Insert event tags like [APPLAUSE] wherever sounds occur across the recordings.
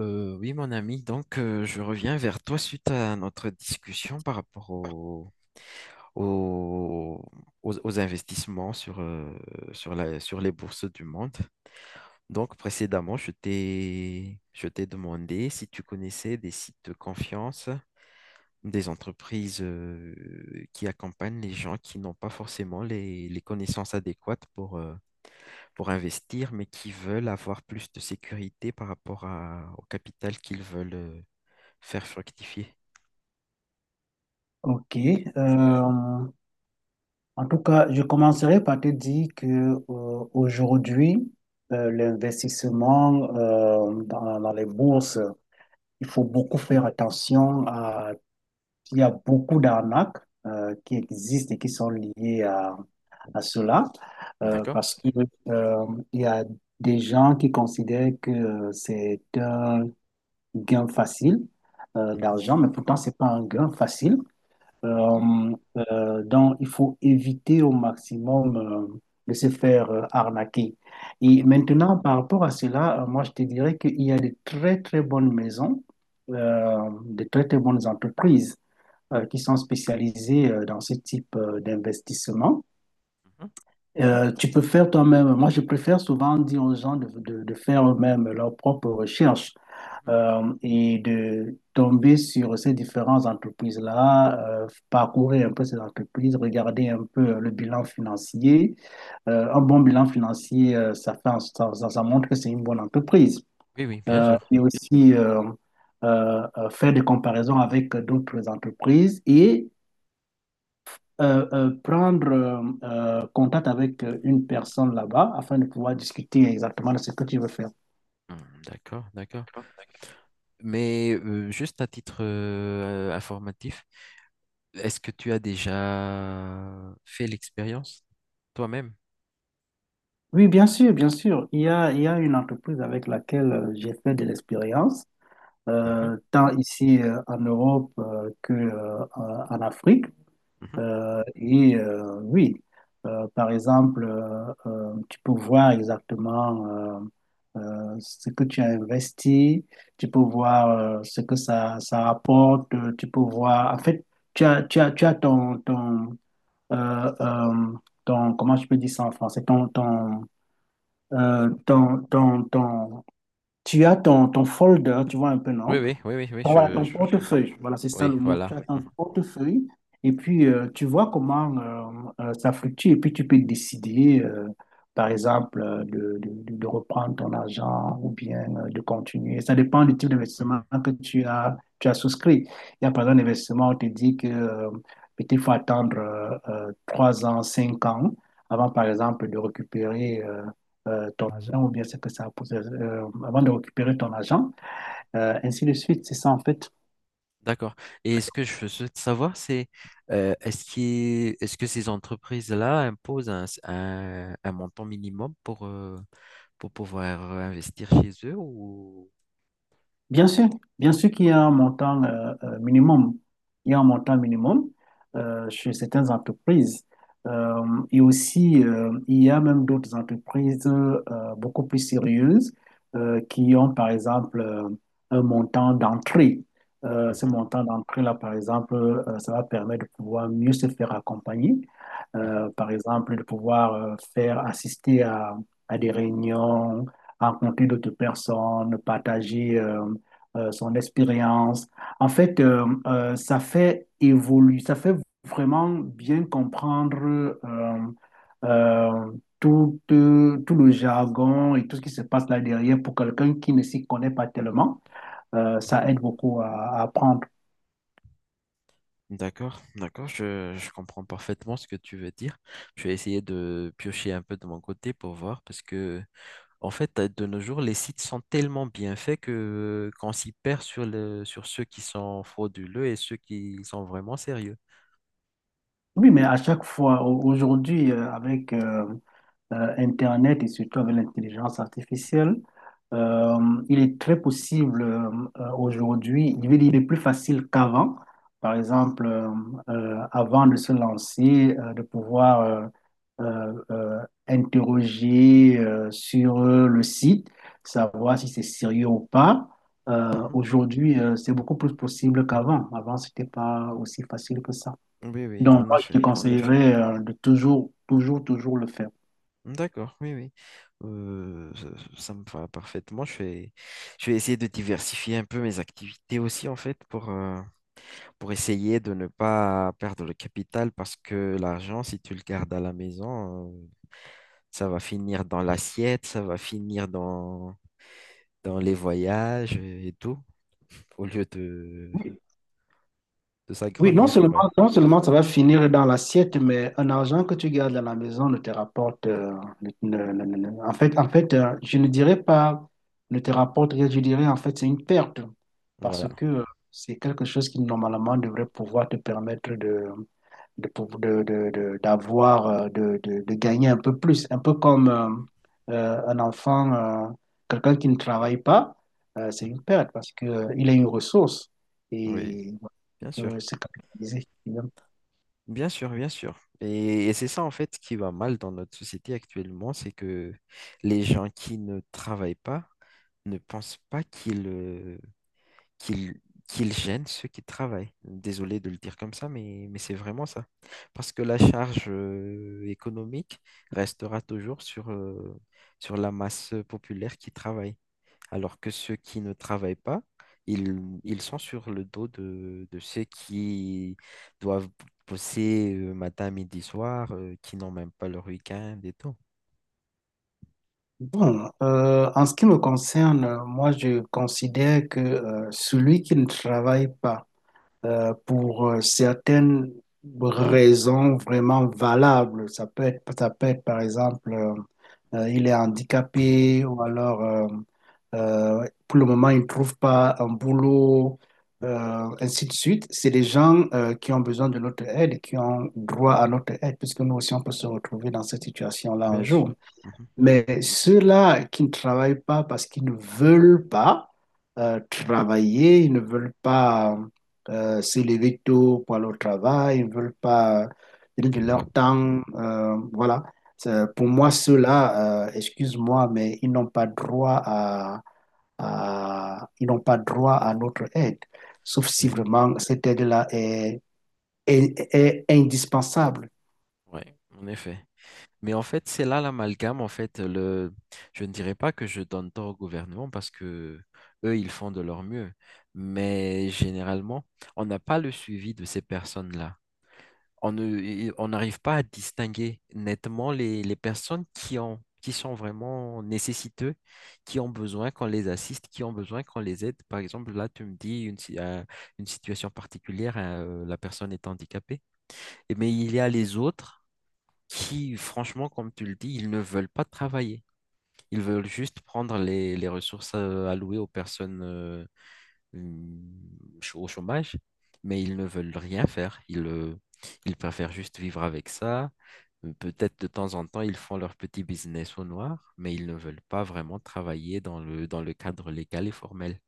Oui, mon ami, donc je reviens vers toi suite à notre discussion par rapport au- aux investissements sur les bourses du monde. Donc précédemment, je t'ai demandé si tu connaissais des sites de confiance, des entreprises qui accompagnent les gens qui n'ont pas forcément les connaissances adéquates pour investir, mais qui veulent avoir plus de sécurité par rapport au capital qu'ils veulent faire fructifier. Ok. Euh, En tout cas, je commencerai par te dire que aujourd'hui, l'investissement dans les bourses, il faut beaucoup faire attention à il y a beaucoup d'arnaques qui existent et qui sont liées à cela, D'accord. parce que euh, il y a des gens qui considèrent que c'est un gain facile Mhm. d'argent, mais pourtant c'est pas un gain facile. mhm, Donc, il faut éviter au maximum de se faire arnaquer. Et mhm, maintenant, par rapport à cela, moi, je te dirais qu'il y a de très, très bonnes maisons, de très, très bonnes entreprises qui sont spécialisées dans ce type d'investissement. mhm, Tu peux faire toi-même. Moi, je préfère souvent dire aux gens de faire eux-mêmes leurs propres recherches mhm. Et de tomber sur ces différentes entreprises-là, parcourir un peu ces entreprises, regarder un peu le bilan financier. Un bon bilan financier, ça fait, ça- ça montre que c'est une bonne entreprise. Oui, oui, bien sûr. Et aussi faire des comparaisons avec d'autres entreprises et prendre contact avec une personne là-bas afin de pouvoir discuter exactement de ce que tu veux faire. Hmm, D'accord, d'accord. Mais juste à titre informatif, est-ce que tu as déjà fait l'expérience toi-même? Oui, bien sûr, bien sûr. Il y a une entreprise avec laquelle j'ai fait de l'expérience, Mhm. Tant ici en Europe que en Afrique. mhm. Oui, par exemple, tu peux voir exactement ce que tu as investi, tu peux voir ce que ça rapporte, tu peux voir, en fait, tu as euh, euh, comment je peux dire ça en français, euh, ton, ton, ton- tu as ton, ton folder, tu vois un peu, Oui, non? oui, oui, oui, oui, Voilà, ton je, Oui. je- je comprends. portefeuille. Voilà, c'est ça Oui, le mot. Tu voilà. as Mhm, ton portefeuille et puis tu vois comment ça fluctue et puis tu peux décider, par exemple, de reprendre ton argent ou bien de continuer. Ça dépend du type mhm. d'investissement que tu as souscrit. Il y a par exemple un investissement où on te dit que peut-être il faut attendre trois ans, cinq ans avant, par exemple, de récupérer ton argent ou bien c'est que a posé- avant de récupérer ton argent. Ainsi de suite, c'est ça en fait. D'accord. Et ce que je souhaite savoir, c'est est-ce que ces entreprises-là imposent un montant minimum pour pouvoir investir chez eux ou... Bien sûr, bien sûr qu'il y a un montant minimum. Il y a un montant minimum chez certaines entreprises. Euh, et aussi, il y a même d'autres entreprises beaucoup plus sérieuses qui ont, par exemple, un montant d'entrée. Ce Mhm. montant d'entrée-là, par exemple, ça va permettre de pouvoir mieux se faire accompagner. mhm, Par exemple, de pouvoir faire assister à des réunions, rencontrer d'autres personnes, partager. Son expérience. En fait, ça fait évoluer, ça fait vraiment bien comprendre euh, euh, tout, tout le jargon et tout ce qui se passe là derrière pour quelqu'un qui ne s'y connaît pas tellement. Ça mhm. aide beaucoup à apprendre. D'accord, d'accord, je- je comprends parfaitement ce que tu veux dire. Je vais essayer de piocher un peu de mon côté pour voir parce que, en fait, de nos jours, les sites sont tellement bien faits que qu'on s'y perd sur sur ceux qui sont frauduleux et ceux qui sont vraiment sérieux. Oui, mais à chaque fois, au- aujourd'hui, avec Internet et surtout avec l'intelligence artificielle, euh, il est très possible aujourd'hui, je veux dire, il est plus facile qu'avant. Par exemple, avant de se lancer, de pouvoir euh, euh, interroger sur le site, savoir si c'est sérieux ou pas. Mhm. Aujourd'hui, c'est beaucoup plus possible qu'avant. Avant, c'était pas aussi facile que ça. Oui, oui, Donc, en moi, je te effet. Oui, En effet. Conseillerais de toujours, toujours, toujours le faire. D'accord, oui, oui. Euh, ça, ça me va parfaitement. Je vais essayer de diversifier un peu mes activités aussi, en fait, pour essayer de ne pas perdre le capital parce que l'argent, si tu le gardes à la maison, ça va finir dans l'assiette, ça va finir dans les voyages et tout, au lieu Oui. de Oui, non s'agrandir. seulement, Ouais, non seulement ça va finir dans l'assiette, mais un argent que tu gardes à la maison ne te rapporte. En fait je ne dirais pas ne te rapporte rien, je dirais en fait c'est une perte parce voilà. que c'est quelque chose qui normalement devrait pouvoir te permettre de, d'avoir, de gagner un peu plus. Un peu comme un enfant, quelqu'un qui ne travaille pas, c'est une perte parce que, il est une ressource. Oui, Et bien sûr. Se capitaliser. Bien sûr, bien sûr. Et c'est ça en fait ce qui va mal dans notre société actuellement, c'est que les gens qui ne travaillent pas ne pensent pas qu'ils qu'il qu'il gêne ceux qui travaillent. Désolé de le dire comme ça, mais c'est vraiment ça. Parce que la charge économique restera toujours sur la masse populaire qui travaille. Alors que ceux qui ne travaillent pas, ils, ils sont sur le dos de ceux qui doivent bosser matin, midi, soir, qui n'ont même pas leur week-end et tout. Bon, en ce qui me concerne, moi, je considère que celui qui ne travaille pas, pour certaines raisons vraiment valables. Ça peut être par exemple, il est handicapé ou alors pour le moment il ne trouve pas un boulot, ainsi de suite. C'est des gens qui ont besoin de notre aide et qui ont droit à notre aide puisque nous aussi on peut se retrouver dans cette situation-là un Bien sûr. jour. Mhm. Mais ceux-là qui ne travaillent pas parce qu'ils ne veulent pas travailler, ils ne veulent pas se lever tôt pour aller au travail, ils ne veulent pas donner de leur temps, voilà. C'est- Pour moi, ceux-là, excuse-moi, mais ils n'ont pas droit à- ils n'ont pas droit à notre aide, sauf si Oui, vraiment cette aide-là est, est indispensable. oui, en effet. Mais en fait, c'est là l'amalgame. En fait, le... je ne dirais pas que je donne tort au gouvernement parce que eux, ils font de leur mieux. Mais généralement, on n'a pas le suivi de ces personnes-là. On ne, et on n'arrive pas à distinguer nettement les personnes qui ont, qui sont vraiment nécessiteux, qui ont besoin qu'on les assiste, qui ont besoin qu'on les aide. Par exemple, là, tu me dis une, si- une situation particulière, hein, la personne est handicapée. Et- Mais il y a les autres qui, franchement, comme tu le dis, ils ne veulent pas travailler. Ils veulent juste prendre les ressources allouées aux personnes au chômage, mais ils ne veulent rien faire. Ils préfèrent juste vivre avec ça. Peut-être de temps en temps, ils font leur petit business au noir, mais ils ne veulent pas vraiment travailler dans dans le cadre légal et formel.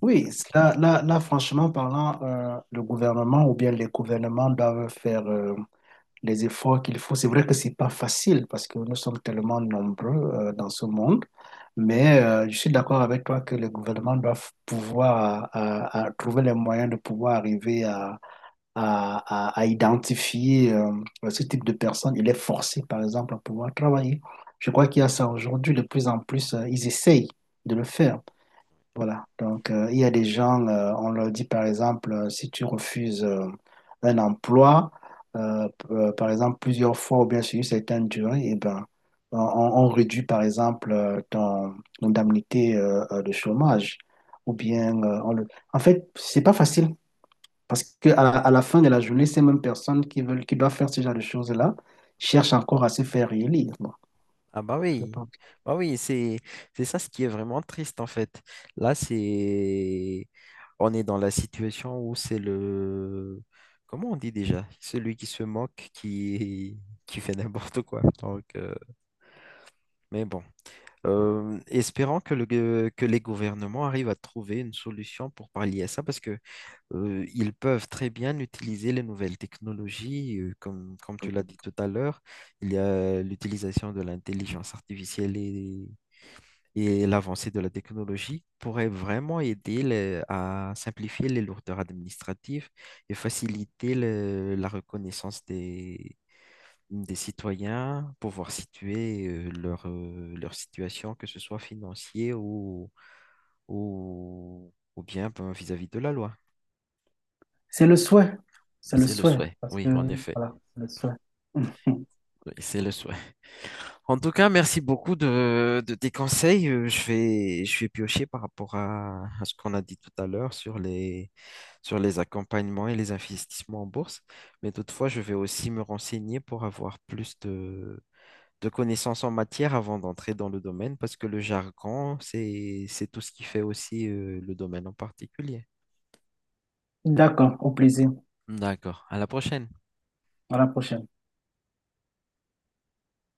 Oui, là, là, là, franchement parlant, le gouvernement ou bien les gouvernements doivent faire les efforts qu'il faut. C'est vrai que c'est pas facile parce que nous sommes tellement nombreux dans ce monde, mais je suis d'accord avec toi que les gouvernements doivent pouvoir à trouver les moyens de pouvoir arriver à, à identifier ce type de personnes. Il est forcé, par exemple, à pouvoir travailler. Je crois qu'il y a ça aujourd'hui. De plus en plus, ils essayent de le faire. Voilà. Donc, il y a des gens, on leur dit par exemple, si tu refuses un emploi, par exemple plusieurs fois ou bien sur une certaine durée, eh ben, Mhm. on réduit par exemple ton indemnité de chômage. Ou mhm. bien, on le... En fait, c'est pas facile parce que à la fin de la journée, ces mêmes personnes qui doivent faire ce genre de choses-là cherchent encore à se faire réélire. Moi, Ah je pense que- bah oui, c'est ça ce qui est vraiment triste en fait. Là, c'est on est dans la situation où c'est le comment on dit déjà? Celui qui se moque qui [LAUGHS] qui fait n'importe quoi. Mais bon, Espérons que les gouvernements arrivent à trouver une solution pour pallier à ça parce que ils peuvent très bien utiliser les nouvelles technologies comme tu l'as dit tout à l'heure, il y a l'utilisation de l'intelligence artificielle et l'avancée de la technologie pourrait vraiment aider à simplifier les lourdeurs administratives et faciliter la reconnaissance des citoyens, pouvoir situer leur situation, que ce soit financier ou ou bien ben, vis-à-vis de la loi. C'est le souhait. C'est le C'est le souhait. souhait, Parce que, oui, en effet. voilà, c'est le souhait. [LAUGHS] Oui, c'est le souhait. En tout cas, merci beaucoup de tes conseils. Je vais piocher par rapport à ce qu'on a dit tout à l'heure sur les accompagnements et les investissements en bourse. Mais toutefois, je vais aussi me renseigner pour avoir plus de connaissances en matière avant d'entrer dans le domaine, parce que le jargon, c'est tout ce qui fait aussi le domaine en particulier. D'accord, au plaisir. D'accord. À la prochaine. À la prochaine.